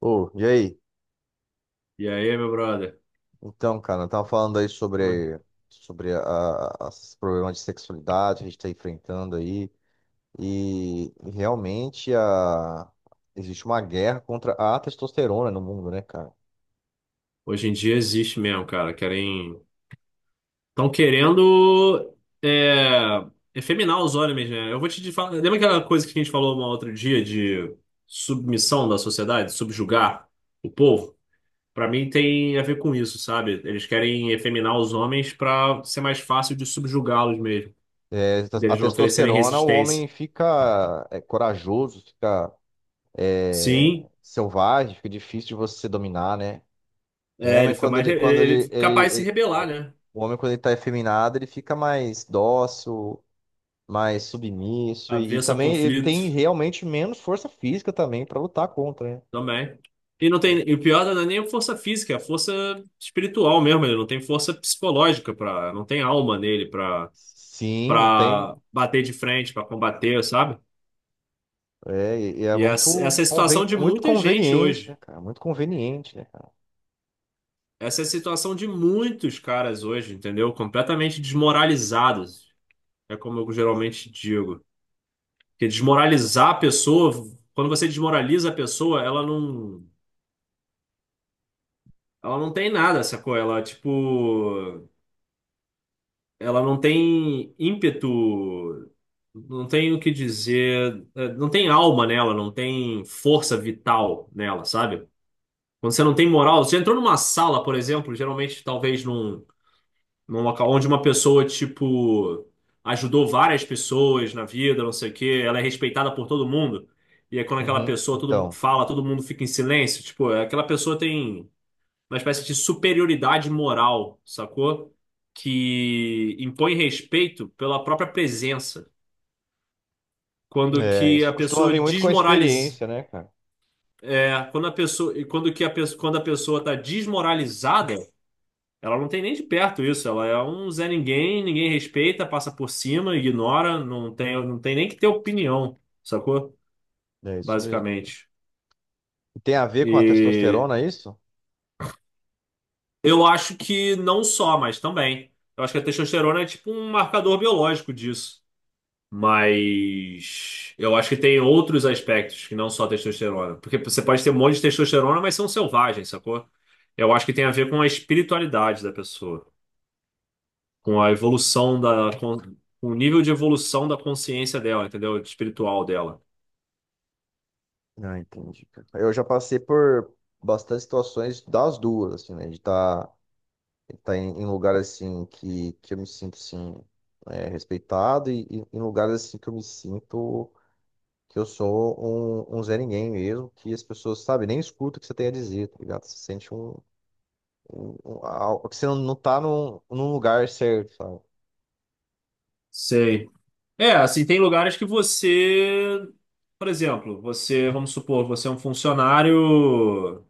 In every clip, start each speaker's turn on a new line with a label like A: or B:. A: Ô, e aí?
B: E aí, meu brother?
A: Então, cara, eu tava falando aí
B: Pô.
A: sobre, sobre a, a- esses problemas de sexualidade que a gente tá enfrentando aí. E realmente existe uma guerra contra a testosterona no mundo, né, cara?
B: Hoje em dia existe mesmo, cara. Querem. Estão querendo é... efeminar os homens, né? Eu vou te falar. Lembra aquela coisa que a gente falou um outro dia de submissão da sociedade, subjugar o povo? Pra mim tem a ver com isso, sabe? Eles querem efeminar os homens pra ser mais fácil de subjugá-los mesmo,
A: É, a
B: deles não oferecerem
A: testosterona, o
B: resistência.
A: homem fica corajoso, fica é,
B: Sim,
A: selvagem, fica difícil de você dominar, né? O
B: é, ele
A: homem,
B: fica mais. Ele
A: quando
B: ele
A: ele,
B: fica capaz de se
A: ele- ele-
B: rebelar,
A: é,
B: né?
A: o homem, quando ele tá efeminado, ele fica mais dócil, mais submisso e
B: Avesso a
A: também ele tem
B: conflito.
A: realmente menos força física também para lutar contra, né?
B: Também. E não
A: Então,
B: tem, e o pior não é nem a força física, é a força espiritual mesmo. Ele não tem força psicológica para, não tem alma nele para
A: sim, não tem.
B: para bater de frente, para combater, sabe?
A: É, e é
B: Essa é a situação de
A: muito
B: muita gente
A: conveniente, né,
B: hoje.
A: cara? Muito conveniente, né, cara?
B: Essa é a situação de muitos caras hoje, entendeu? Completamente desmoralizados. É como eu geralmente digo. Porque desmoralizar a pessoa, quando você desmoraliza a pessoa, ela não tem nada, sacou? Ela, tipo, ela não tem ímpeto, não tem o que dizer, não tem alma nela, não tem força vital nela, sabe? Quando você não tem moral, você entrou numa sala, por exemplo, geralmente talvez num, num local onde uma pessoa, tipo, ajudou várias pessoas na vida, não sei o quê, ela é respeitada por todo mundo. E é quando aquela
A: Uhum.
B: pessoa, todo mundo
A: Então,
B: fala, todo mundo fica em silêncio, tipo, aquela pessoa tem uma espécie de superioridade moral, sacou? Que impõe respeito pela própria presença. Quando
A: é,
B: que
A: isso
B: a
A: costuma
B: pessoa
A: vir muito com a
B: desmoraliza,
A: experiência, né, cara?
B: quando que a pessoa, quando a pessoa está desmoralizada, ela não tem nem de perto isso, ela é um Zé ninguém, ninguém respeita, passa por cima, ignora, não tem nem que ter opinião, sacou?
A: É isso mesmo.
B: Basicamente.
A: E tem a ver com a
B: E
A: testosterona, é isso?
B: eu acho que não só, mas também. Eu acho que a testosterona é tipo um marcador biológico disso. Mas eu acho que tem outros aspectos que não só a testosterona. Porque você pode ter um monte de testosterona, mas são selvagens, sacou? Eu acho que tem a ver com a espiritualidade da pessoa, com a evolução da, com o nível de evolução da consciência dela, entendeu? Espiritual dela.
A: Ah, entendi, cara. Eu já passei por bastante situações das duas, assim, né? De estar, tá em lugares assim que eu me sinto assim, é, respeitado e em lugares assim que eu me sinto que eu sou um Zé Ninguém mesmo, que as pessoas, sabe, nem escutam o que você tem a dizer, tá ligado? Você sente que você não tá num lugar certo, sabe?
B: Sei. É, assim, tem lugares que você, por exemplo, você, vamos supor, você é um funcionário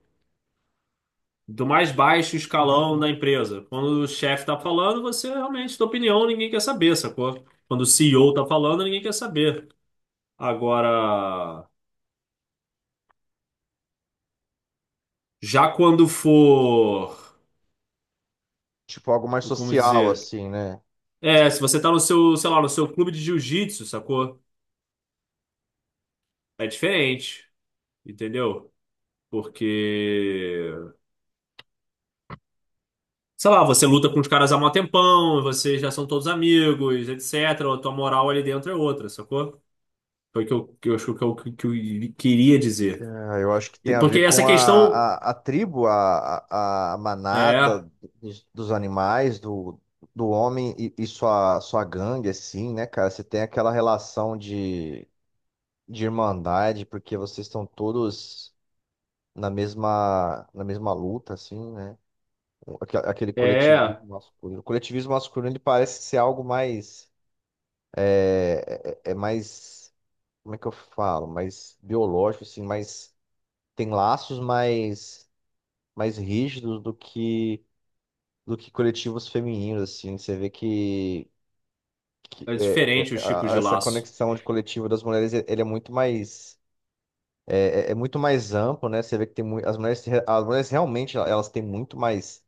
B: do mais baixo escalão da empresa. Quando o chefe tá falando, você realmente, tua opinião, ninguém quer saber, sacou? Quando o C E O tá falando, ninguém quer saber. Agora, já quando for,
A: Tipo algo mais
B: como
A: social,
B: dizer?
A: assim, né?
B: É, se você tá no seu, sei lá, no seu clube de jiu-jitsu, sacou? É diferente, entendeu? Porque, sei lá, você luta com os caras há mó tempão, vocês já são todos amigos, etc. A tua moral ali dentro é outra, sacou? Foi o que eu, que eu queria dizer.
A: Ah, eu acho que tem
B: E
A: a
B: porque
A: ver
B: essa
A: com
B: questão
A: a tribo, a manada
B: é,
A: dos animais, do, do homem e sua gangue, assim, né, cara? Você tem aquela relação de irmandade, porque vocês estão todos na mesma luta, assim, né? Aquele
B: é,
A: coletivismo masculino. O coletivismo masculino, ele parece ser algo mais, é mais, como é que eu falo? Mais biológico, assim, mais, tem laços mais rígidos do que coletivos femininos, assim. Você vê que
B: é
A: é,
B: diferente
A: é,
B: os tipos
A: a-
B: de
A: essa
B: laço.
A: conexão de coletivo das mulheres, e- ele é muito mais é, é muito mais amplo, né? Você vê que tem mui- as mulheres se re- as mulheres realmente elas têm muito mais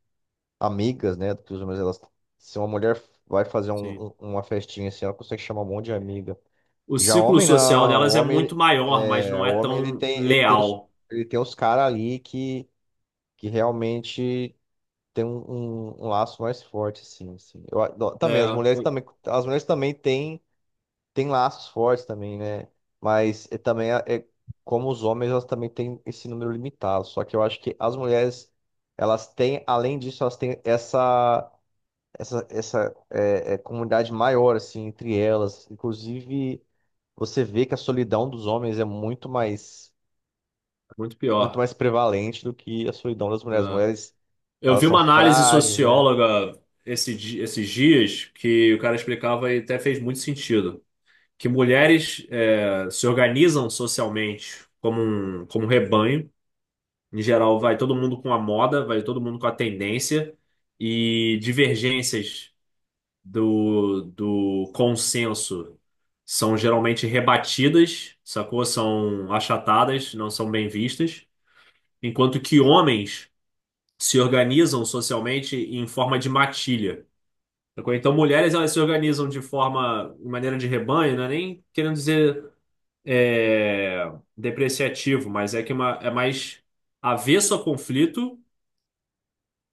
A: amigas, né? Do que os homens. Elas, se uma mulher vai fazer
B: Sim.
A: uma festinha assim, ela consegue chamar um monte de amiga.
B: O
A: Já
B: ciclo
A: homem
B: social
A: não, o
B: delas é
A: homem
B: muito maior, mas não
A: o
B: é
A: homem ele
B: tão
A: tem ele tem os
B: leal.
A: ele tem os caras ali que realmente tem um laço mais forte, assim. Eu, adoro- também, as
B: É,
A: mulheres também, as mulheres também têm, têm laços fortes também, né? Mas é, também é, é como os homens, elas também têm esse número limitado. Só que eu acho que as mulheres, elas têm, além disso, elas têm essa é, é, comunidade maior, assim, entre elas. Inclusive, você vê que a solidão dos homens é
B: é muito
A: muito
B: pior.
A: mais prevalente do que a solidão das mulheres. As
B: É.
A: mulheres,
B: Eu
A: elas
B: vi
A: são
B: uma análise
A: frágeis, né?
B: socióloga esses dias que o cara explicava e até fez muito sentido. Que mulheres se organizam socialmente como um rebanho. Em geral, vai todo mundo com a moda, vai todo mundo com a tendência e divergências do, do consenso são geralmente rebatidas, sacou? São achatadas, não são bem vistas, enquanto que homens se organizam socialmente em forma de matilha. Sacou? Então, mulheres elas se organizam de forma, de maneira de rebanho, não é nem querendo dizer é, depreciativo, mas é que é uma, é mais avesso a conflito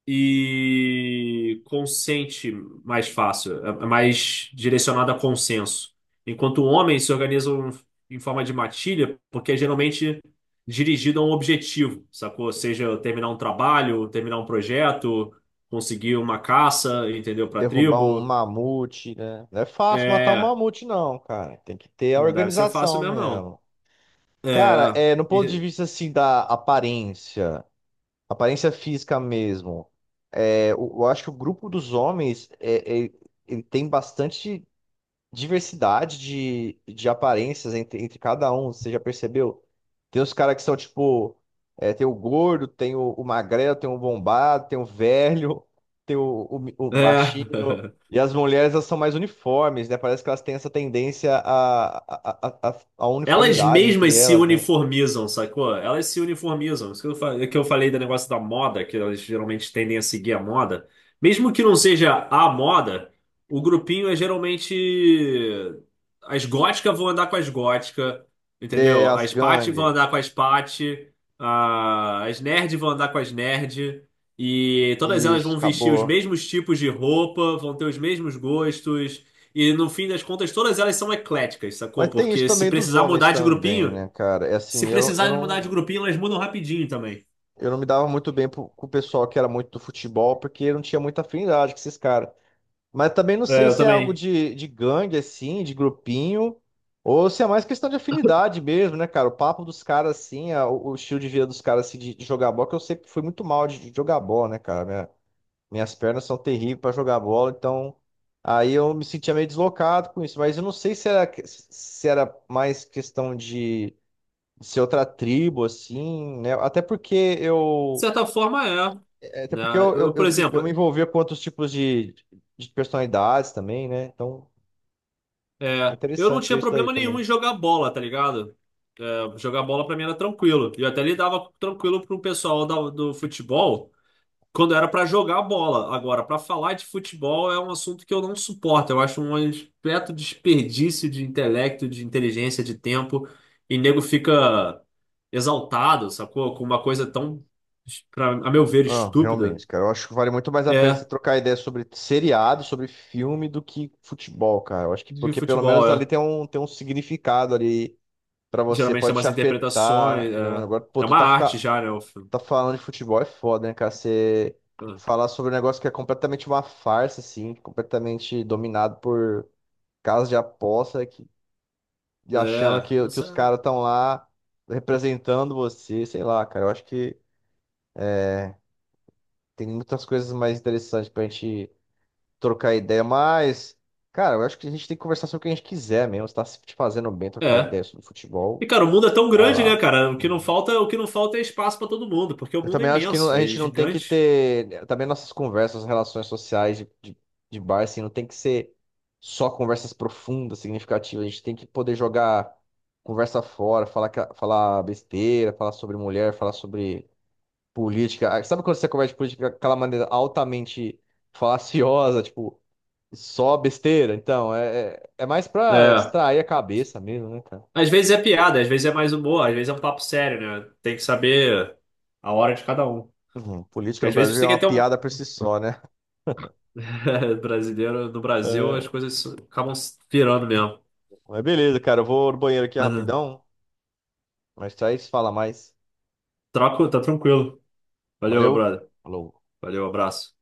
B: e consente mais fácil, é mais direcionado a consenso. Enquanto homens se organizam em forma de matilha, porque é geralmente dirigido a um objetivo, sacou? Seja terminar um trabalho, terminar um projeto, conseguir uma caça, entendeu? Para a
A: Derrubar um
B: tribo.
A: mamute, né? Não é fácil matar um
B: É,
A: mamute, não, cara. Tem que ter a
B: não deve ser fácil
A: organização
B: mesmo, não.
A: mesmo. Cara,
B: É,
A: é, no ponto de
B: ente-
A: vista assim da aparência, aparência física mesmo, é, eu acho que o grupo dos homens ele tem bastante diversidade de aparências entre, entre cada um, você já percebeu? Tem os caras que são tipo, é, tem o gordo, tem o magrelo, tem o bombado, tem o velho, tem o
B: é.
A: baixinho. E as mulheres, elas são mais uniformes, né? Parece que elas têm essa tendência à
B: Elas
A: uniformidade entre
B: mesmas se
A: elas, né?
B: uniformizam, sacou? Elas se uniformizam. Isso que eu, falei do negócio da moda, que elas geralmente tendem a seguir a moda. Mesmo que não seja a moda, o grupinho é geralmente. As góticas vão andar com as góticas,
A: É,
B: entendeu?
A: as
B: As paty vão
A: gangues.
B: andar com as paty, as nerd vão andar com as nerd. E todas elas
A: Isso,
B: vão vestir os
A: acabou.
B: mesmos tipos de roupa, vão ter os mesmos gostos. E no fim das contas, todas elas são ecléticas, sacou?
A: Mas tem isso
B: Porque se
A: também dos
B: precisar
A: homens
B: mudar de
A: também,
B: grupinho,
A: né, cara? É
B: se
A: assim, eu
B: precisarem mudar de
A: não.
B: grupinho, elas mudam rapidinho também.
A: Eu não me dava muito bem pro- com o pessoal que era muito do futebol, porque eu não tinha muita afinidade com esses caras. Mas também não
B: É,
A: sei
B: eu
A: se é algo
B: também.
A: de gangue, assim, de grupinho, ou se é mais questão de afinidade mesmo, né, cara? O papo dos caras, assim, a- o estilo de vida dos caras, assim, de jogar bola, que eu sempre fui muito mal de jogar bola, né, cara? Minhas pernas são terríveis pra jogar bola, então aí eu me sentia meio deslocado com isso. Mas eu não sei se era, que- se era mais questão de ser outra tribo, assim, né? Até porque
B: De
A: eu.
B: certa forma, é.
A: É, até
B: Né?
A: porque eu, eu,
B: Eu, por
A: eu, me eu
B: exemplo,
A: me envolvia com outros tipos de personalidades também, né? Então,
B: é, eu não
A: interessante ver
B: tinha
A: isso daí
B: problema nenhum
A: também.
B: em jogar bola, tá ligado? É, jogar bola pra mim era tranquilo. E eu até lidava tranquilo pro pessoal do futebol quando era pra jogar bola. Agora, pra falar de futebol é um assunto que eu não suporto. Eu acho um completo desperdício de intelecto, de inteligência, de tempo. E nego fica exaltado, sacou? Com uma coisa tão, pra, a meu ver,
A: Ah,
B: estúpida.
A: realmente, cara. Eu acho que vale muito mais a pena você
B: É,
A: trocar ideia sobre seriado, sobre filme, do que futebol, cara. Eu acho que
B: de
A: porque pelo
B: futebol,
A: menos ali
B: é.
A: tem um significado ali pra você,
B: Geralmente tem
A: pode te
B: umas
A: afetar.
B: interpretações. É,
A: Agora, pô,
B: é
A: tu
B: uma
A: tá,
B: arte
A: fica,
B: já, né? O filme.
A: tá falando de futebol é foda, né, cara? Você falar sobre um negócio que é completamente uma farsa, assim, completamente dominado por casas de aposta e achando
B: É,
A: que os
B: isso
A: caras estão lá representando você, sei lá, cara. Eu acho que tem muitas coisas mais interessantes pra gente trocar ideia, mas, cara, eu acho que a gente tem que conversar sobre o que a gente quiser mesmo. Se tá, se te fazendo bem
B: é.
A: trocar
B: É.
A: ideia sobre
B: E,
A: futebol,
B: cara, o mundo é tão
A: vai
B: grande, né,
A: lá.
B: cara? O que não falta, o que não falta é espaço pra todo mundo, porque o
A: Eu
B: mundo é
A: também acho que não-
B: imenso,
A: a
B: é
A: gente não tem que
B: gigante.
A: ter. Também nossas conversas, relações sociais de bar, assim, não tem que ser só conversas profundas, significativas. A gente tem que poder jogar conversa fora, falar, ca- falar besteira, falar sobre mulher, falar sobre política. Ah, sabe quando você conversa de política daquela maneira altamente falaciosa, tipo, só besteira? Então, é, é mais pra
B: É.
A: distrair a cabeça mesmo, né, cara?
B: Às vezes é piada, às vezes é mais humor, às vezes é um papo sério, né? Tem que saber a hora de cada um.
A: Uhum, política
B: Porque
A: no
B: às vezes
A: Brasil
B: você
A: é
B: quer
A: uma
B: ter um
A: piada por si só, né?
B: brasileiro no Brasil, as coisas acabam se virando mesmo.
A: Mas beleza, cara. Eu vou no banheiro aqui
B: Mas eh,
A: rapidão. Mas aí se fala mais.
B: Troco, tá tranquilo. Valeu, meu
A: Valeu.
B: brother.
A: Falou.
B: Valeu, abraço.